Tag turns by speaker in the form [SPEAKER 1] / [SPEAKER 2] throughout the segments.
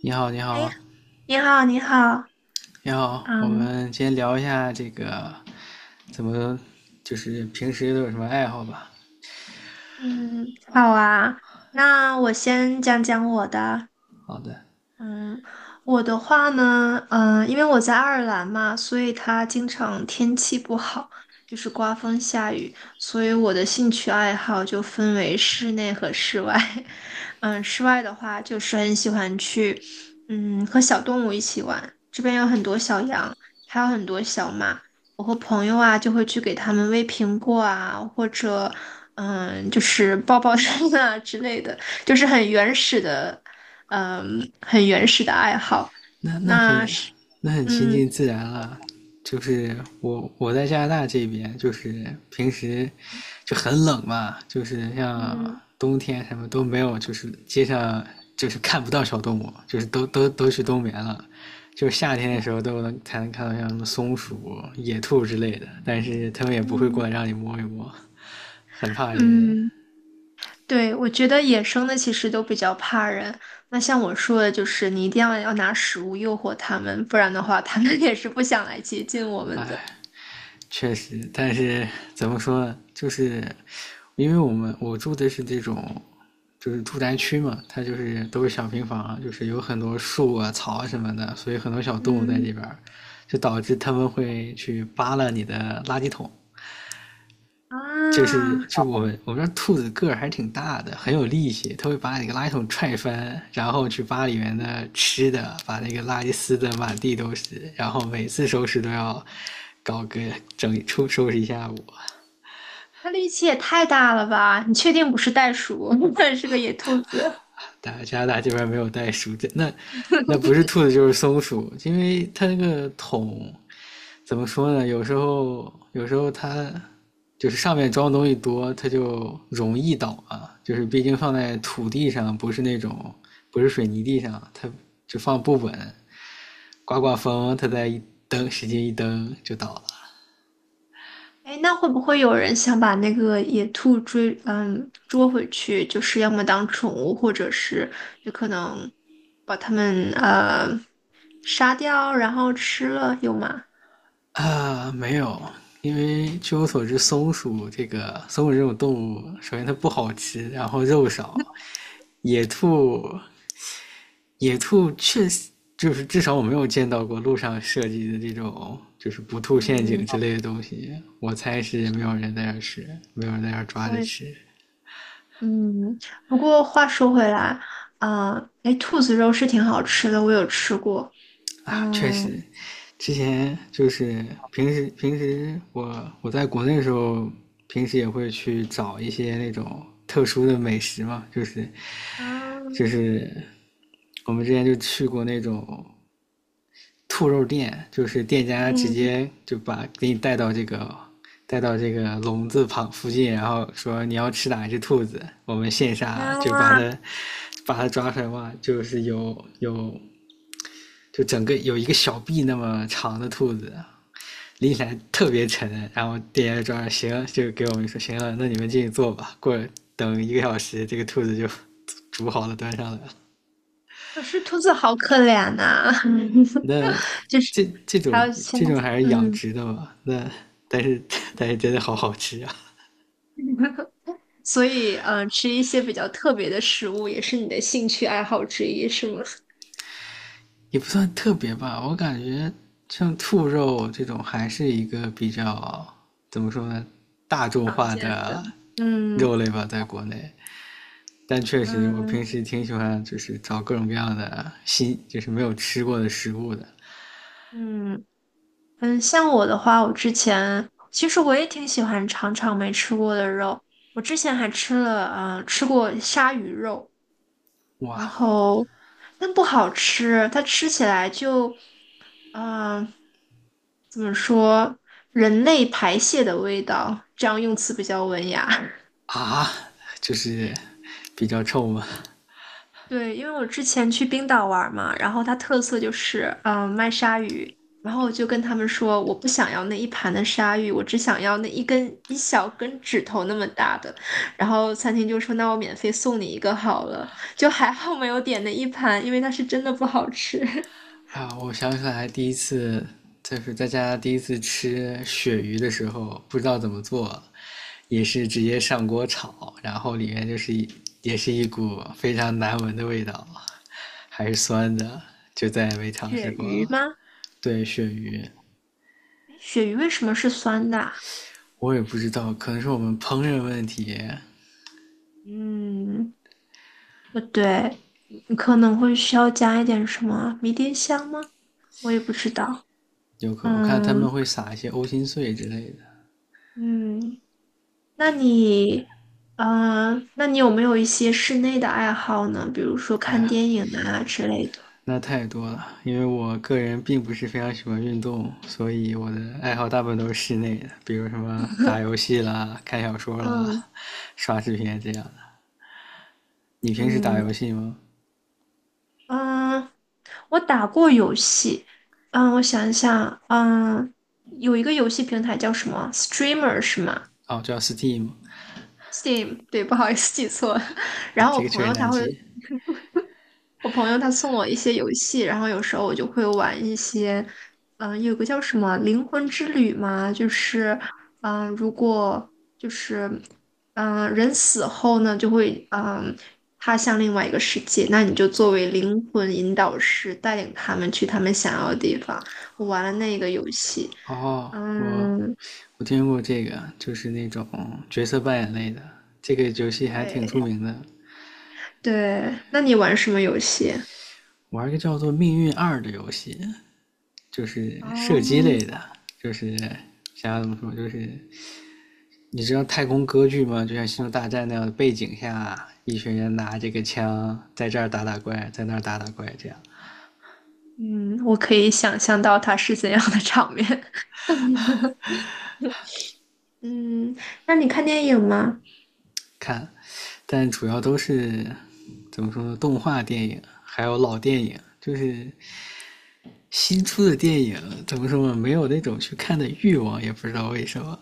[SPEAKER 1] 你好，你
[SPEAKER 2] 哎，
[SPEAKER 1] 好，
[SPEAKER 2] 你好，你好。
[SPEAKER 1] 你好，我
[SPEAKER 2] 嗯
[SPEAKER 1] 们先聊一下这个怎么，就是平时都有什么爱好吧？
[SPEAKER 2] 嗯，好啊。那我先讲讲我的。
[SPEAKER 1] 好的，
[SPEAKER 2] 嗯，我的话呢，因为我在爱尔兰嘛，所以它经常天气不好，就是刮风下雨，所以我的兴趣爱好就分为室内和室外。室外的话，就是很喜欢去，和小动物一起玩。这边有很多小羊，还有很多小马。我和朋友啊，就会去给它们喂苹果啊，或者，就是抱抱它们啊之类的。就是很原始的，很原始的爱好。
[SPEAKER 1] 那那
[SPEAKER 2] 那
[SPEAKER 1] 很
[SPEAKER 2] 是
[SPEAKER 1] 那很亲
[SPEAKER 2] 嗯
[SPEAKER 1] 近自然了。就是我在加拿大这边，就是平时就很冷嘛，就是像
[SPEAKER 2] 嗯
[SPEAKER 1] 冬天什么都没有，就是街上就是看不到小动物，就是都去冬眠了。就是夏天的时候才能看到像什么松鼠、野兔之类的，但是他们也不会过
[SPEAKER 2] 嗯
[SPEAKER 1] 来让你摸一摸，很怕人，
[SPEAKER 2] 嗯，对，我觉得野生的其实都比较怕人。那像我说的，就是你一定要拿食物诱惑它们，不然的话，它们也是不想来接近我们的。
[SPEAKER 1] 唉。确实，但是怎么说呢？就是因为我住的是这种，就是住宅区嘛，它就是都是小平房，就是有很多树啊、草啊什么的，所以很多小动物在
[SPEAKER 2] 嗯
[SPEAKER 1] 这边儿，就导致他们会去扒拉你的垃圾桶。
[SPEAKER 2] 啊，
[SPEAKER 1] 就是就我们这兔子个儿还挺大的，很有力气，它会把你个垃圾桶踹翻，然后去扒里面的吃的，把那个垃圾撕的满地都是，然后每次收拾都要搞个整理出收拾一下午。
[SPEAKER 2] 那力气也太大了吧？你确定不是袋鼠，是个野兔子？
[SPEAKER 1] 大加拿大这边没有袋鼠，那不 是兔子就是松鼠，因为它那个桶怎么说呢？有时候它就是上面装东西多，它就容易倒啊。就是毕竟放在土地上，不是水泥地上，它就放不稳，刮风，它再一使劲一蹬就倒了
[SPEAKER 2] 哎，那会不会有人想把那个野兔追，捉回去？就是要么当宠物，或者是就可能把它们杀掉，然后吃了，有吗？
[SPEAKER 1] 啊。没有，因为据我所知，松鼠这种动物，首先它不好吃，然后肉少。野兔，野兔确实就是至少我没有见到过路上设计的这种就是不吐陷阱
[SPEAKER 2] 嗯，
[SPEAKER 1] 之类的东西。我猜是没有人在那吃，没有人在那抓
[SPEAKER 2] 我
[SPEAKER 1] 着
[SPEAKER 2] 也
[SPEAKER 1] 吃
[SPEAKER 2] 嗯，不过话说回来，啊、哎，兔子肉是挺好吃的，我有吃过。
[SPEAKER 1] 啊。确实，
[SPEAKER 2] 嗯
[SPEAKER 1] 之前就是平时我在国内的时候，平时也会去找一些那种特殊的美食嘛，就
[SPEAKER 2] 啊。
[SPEAKER 1] 是我们之前就去过那种兔肉店，就是店家直
[SPEAKER 2] 嗯
[SPEAKER 1] 接就把给你带到带到这个笼子旁附近，然后说你要吃哪只兔子，我们线下就把
[SPEAKER 2] 啊，
[SPEAKER 1] 它抓出来嘛。就是有有就整个有一个小臂那么长的兔子，拎起来特别沉，然后店家抓行，就给我们说行了，那你们进去坐吧，过等一个小时，这个兔子就 煮好了端上来了。
[SPEAKER 2] 可是兔子好可怜呐。
[SPEAKER 1] 那
[SPEAKER 2] 就是
[SPEAKER 1] 这种
[SPEAKER 2] 还有现，
[SPEAKER 1] 还是养
[SPEAKER 2] 嗯。
[SPEAKER 1] 殖的吧？那但是但是真的好好吃啊，
[SPEAKER 2] 所以，吃一些比较特别的食物也是你的兴趣爱好之一，是吗？
[SPEAKER 1] 也不算特别吧。我感觉像兔肉这种还是一个比较怎么说呢，大 众
[SPEAKER 2] 常
[SPEAKER 1] 化
[SPEAKER 2] 见的。
[SPEAKER 1] 的
[SPEAKER 2] 嗯
[SPEAKER 1] 肉类吧，在国内。但确实，我
[SPEAKER 2] 嗯
[SPEAKER 1] 平时挺喜欢就是找各种各样的新，就是没有吃过的食物的。
[SPEAKER 2] 嗯嗯，像我的话，我之前其实我也挺喜欢尝尝没吃过的肉。我之前还吃过鲨鱼肉，然
[SPEAKER 1] 哇
[SPEAKER 2] 后但不好吃，它吃起来就，嗯、怎么说，人类排泄的味道，这样用词比较文雅。
[SPEAKER 1] 啊，就是比较臭吗？
[SPEAKER 2] 对，因为我之前去冰岛玩儿嘛，然后它特色就是，卖鲨鱼。然后我就跟他们说，我不想要那一盘的鲨鱼，我只想要那一小根指头那么大的。然后餐厅就说，那我免费送你一个好了。就还好没有点那一盘，因为它是真的不好吃。
[SPEAKER 1] 啊，我想起来第一次就是在家第一次吃鳕鱼的时候，不知道怎么做，也是直接上锅炒，然后里面就是也是一股非常难闻的味道，还是酸的，就再也没尝试
[SPEAKER 2] 鳕
[SPEAKER 1] 过
[SPEAKER 2] 鱼
[SPEAKER 1] 了。
[SPEAKER 2] 吗？
[SPEAKER 1] 对，鳕鱼
[SPEAKER 2] 诶，鳕鱼为什么是酸的啊？
[SPEAKER 1] 我也不知道，可能是我们烹饪问题，
[SPEAKER 2] 嗯，不对，你可能会需要加一点什么迷迭香吗？我也不知道。
[SPEAKER 1] 有可我看他
[SPEAKER 2] 嗯
[SPEAKER 1] 们会撒一些欧芹碎之类的。
[SPEAKER 2] 嗯。那你，那你有没有一些室内的爱好呢？比如说
[SPEAKER 1] 哎
[SPEAKER 2] 看
[SPEAKER 1] 呀，
[SPEAKER 2] 电影啊之类的。
[SPEAKER 1] 那太多了，因为我个人并不是非常喜欢运动，所以我的爱好大部分都是室内的，比如什么打游戏啦、看小说
[SPEAKER 2] 嗯
[SPEAKER 1] 啦、刷视频这样的。你平时打
[SPEAKER 2] 嗯
[SPEAKER 1] 游戏吗？
[SPEAKER 2] 嗯，我打过游戏。我想一想，有一个游戏平台叫什么？Streamer 是吗
[SPEAKER 1] 哦，叫 Steam
[SPEAKER 2] ？Steam，对，不好意思记错了。然
[SPEAKER 1] 啊，
[SPEAKER 2] 后
[SPEAKER 1] 这个确实难记。
[SPEAKER 2] 我朋友他送我一些游戏，然后有时候我就会玩一些，有个叫什么《灵魂之旅》嘛，就是，如果就是，人死后呢，就会，他向另外一个世界，那你就作为灵魂引导师，带领他们去他们想要的地方。我玩了那个游戏。
[SPEAKER 1] 哦，
[SPEAKER 2] 嗯，
[SPEAKER 1] 我听过这个，就是那种角色扮演类的，这个游戏还挺
[SPEAKER 2] 对
[SPEAKER 1] 出名的。
[SPEAKER 2] 对，那你玩什么游戏？
[SPEAKER 1] 玩一个叫做《命运二》的游戏，就是射击类
[SPEAKER 2] 哦。
[SPEAKER 1] 的，就是想要怎么说，就是你知道太空歌剧吗？就像《星球大战》那样的背景下，一群人拿这个枪在这儿打打怪，在那儿打打怪，这样
[SPEAKER 2] 嗯，我可以想象到它是怎样的场面。嗯，那你看电影吗？
[SPEAKER 1] 看。但主要都是怎么说呢？动画电影还有老电影，就是新出的电影怎么说呢？没有那种去看的欲望，也不知道为什么。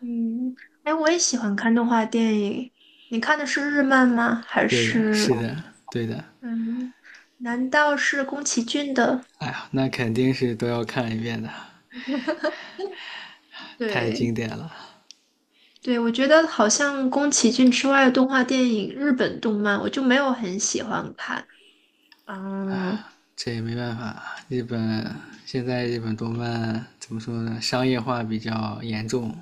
[SPEAKER 2] 嗯，哎，我也喜欢看动画电影。你看的是日漫吗？还
[SPEAKER 1] 对的，
[SPEAKER 2] 是
[SPEAKER 1] 是的，对的。
[SPEAKER 2] 嗯，难道是宫崎骏的？
[SPEAKER 1] 哎呀，那肯定是都要看一遍的，太
[SPEAKER 2] 对，
[SPEAKER 1] 经典了。
[SPEAKER 2] 对，我觉得好像宫崎骏之外的动画电影，日本动漫我就没有很喜欢看。嗯，
[SPEAKER 1] 这也没办法，现在日本动漫怎么说呢？商业化比较严重，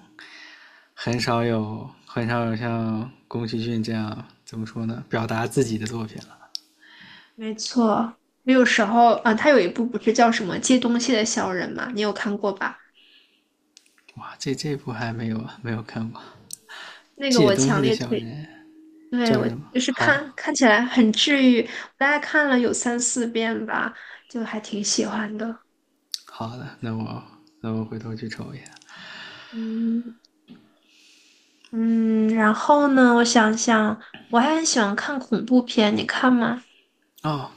[SPEAKER 1] 很少有像宫崎骏这样怎么说呢？表达自己的作品了。
[SPEAKER 2] 没错，我有时候啊，他有一部不是叫什么《借东西的小人》吗？你有看过吧？
[SPEAKER 1] 哇，这部还没有没有看过，
[SPEAKER 2] 那个
[SPEAKER 1] 《借
[SPEAKER 2] 我
[SPEAKER 1] 东西
[SPEAKER 2] 强
[SPEAKER 1] 的
[SPEAKER 2] 烈
[SPEAKER 1] 小人》
[SPEAKER 2] 推
[SPEAKER 1] 叫
[SPEAKER 2] 对，我
[SPEAKER 1] 什么？
[SPEAKER 2] 就是看
[SPEAKER 1] 好
[SPEAKER 2] 看起来很治愈，我大概看了有三四遍吧，就还挺喜欢的。
[SPEAKER 1] 好的，那我回头去瞅一眼。
[SPEAKER 2] 嗯嗯，然后呢，我想想，我还很喜欢看恐怖片，你看吗？
[SPEAKER 1] 哦，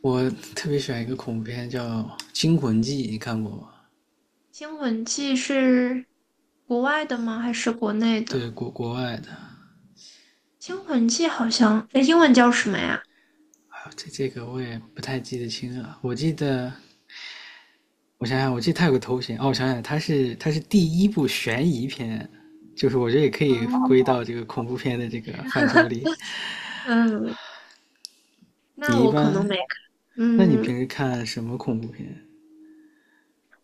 [SPEAKER 1] 我特别喜欢一个恐怖片叫《惊魂记》，你看过吗？
[SPEAKER 2] 《惊魂记》是国外的吗？还是国内
[SPEAKER 1] 对，
[SPEAKER 2] 的？
[SPEAKER 1] 国外的。
[SPEAKER 2] 《惊魂记》好像，哎，英文叫什么呀？
[SPEAKER 1] 这个我也不太记得清了，我记得我想想，我记得他有个头衔哦，我想想，他是第一部悬疑片，就是我觉得也可以归
[SPEAKER 2] 哦，
[SPEAKER 1] 到这个恐怖片的这个范畴里。
[SPEAKER 2] 嗯，那
[SPEAKER 1] 你一
[SPEAKER 2] 我可
[SPEAKER 1] 般，
[SPEAKER 2] 能没，
[SPEAKER 1] 那你平
[SPEAKER 2] 嗯，
[SPEAKER 1] 时看什么恐怖片？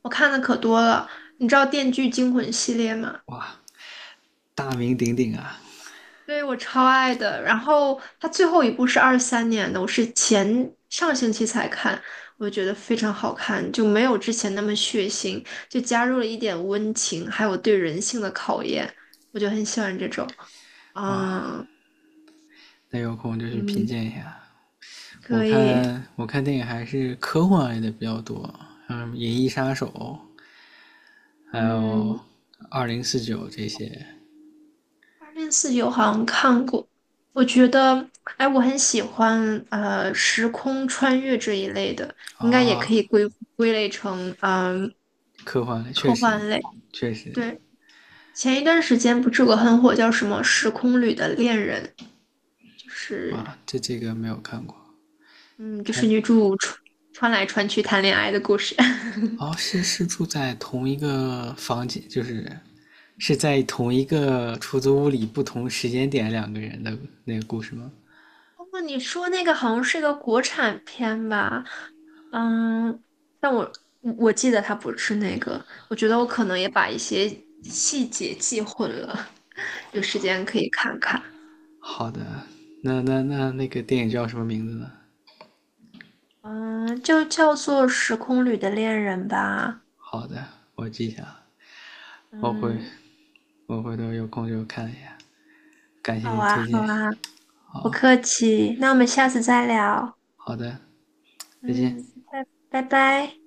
[SPEAKER 2] 我看的可多了。你知道《电锯惊魂》系列吗？
[SPEAKER 1] 哇，大名鼎鼎啊！
[SPEAKER 2] 对，我超爱的。然后它最后一部是2023年的，我是前上星期才看，我觉得非常好看，就没有之前那么血腥，就加入了一点温情，还有对人性的考验，我就很喜欢这种。
[SPEAKER 1] 哇，
[SPEAKER 2] 嗯
[SPEAKER 1] 那有空就去品
[SPEAKER 2] 嗯，
[SPEAKER 1] 鉴一下。
[SPEAKER 2] 可以。
[SPEAKER 1] 我看电影还是科幻类的比较多，像什么《银翼杀手》，还有
[SPEAKER 2] 嗯，
[SPEAKER 1] 《2049》这些
[SPEAKER 2] 2049好像看过，我觉得，哎，我很喜欢时空穿越这一类的，应该也可
[SPEAKER 1] 啊，
[SPEAKER 2] 以归类成
[SPEAKER 1] 科幻类确
[SPEAKER 2] 科
[SPEAKER 1] 实
[SPEAKER 2] 幻类。
[SPEAKER 1] 确实，
[SPEAKER 2] 对。前一段时间不是有个很火叫什么《时空旅的恋人》，就是，
[SPEAKER 1] 哇，这个没有看过。他
[SPEAKER 2] 女主穿来穿去谈恋爱的故事。
[SPEAKER 1] 哦，是住在同一个房间，就是是在同一个出租屋里，不同时间点两个人的那个故事吗？
[SPEAKER 2] 不过你说那个好像是个国产片吧？嗯，但我记得它不是那个，我觉得我可能也把一些细节记混了，有时间可以看看。
[SPEAKER 1] 好的，那个电影叫什么名字呢？
[SPEAKER 2] 嗯，就叫做《时空旅的恋人》吧。
[SPEAKER 1] 好的，我记下了。我回
[SPEAKER 2] 嗯，
[SPEAKER 1] 我回头有空就看一下。感谢
[SPEAKER 2] 好
[SPEAKER 1] 你的
[SPEAKER 2] 啊，
[SPEAKER 1] 推
[SPEAKER 2] 好
[SPEAKER 1] 荐，
[SPEAKER 2] 啊，不客气，那我们下次再聊。
[SPEAKER 1] 好的，再见。
[SPEAKER 2] 嗯，拜拜拜。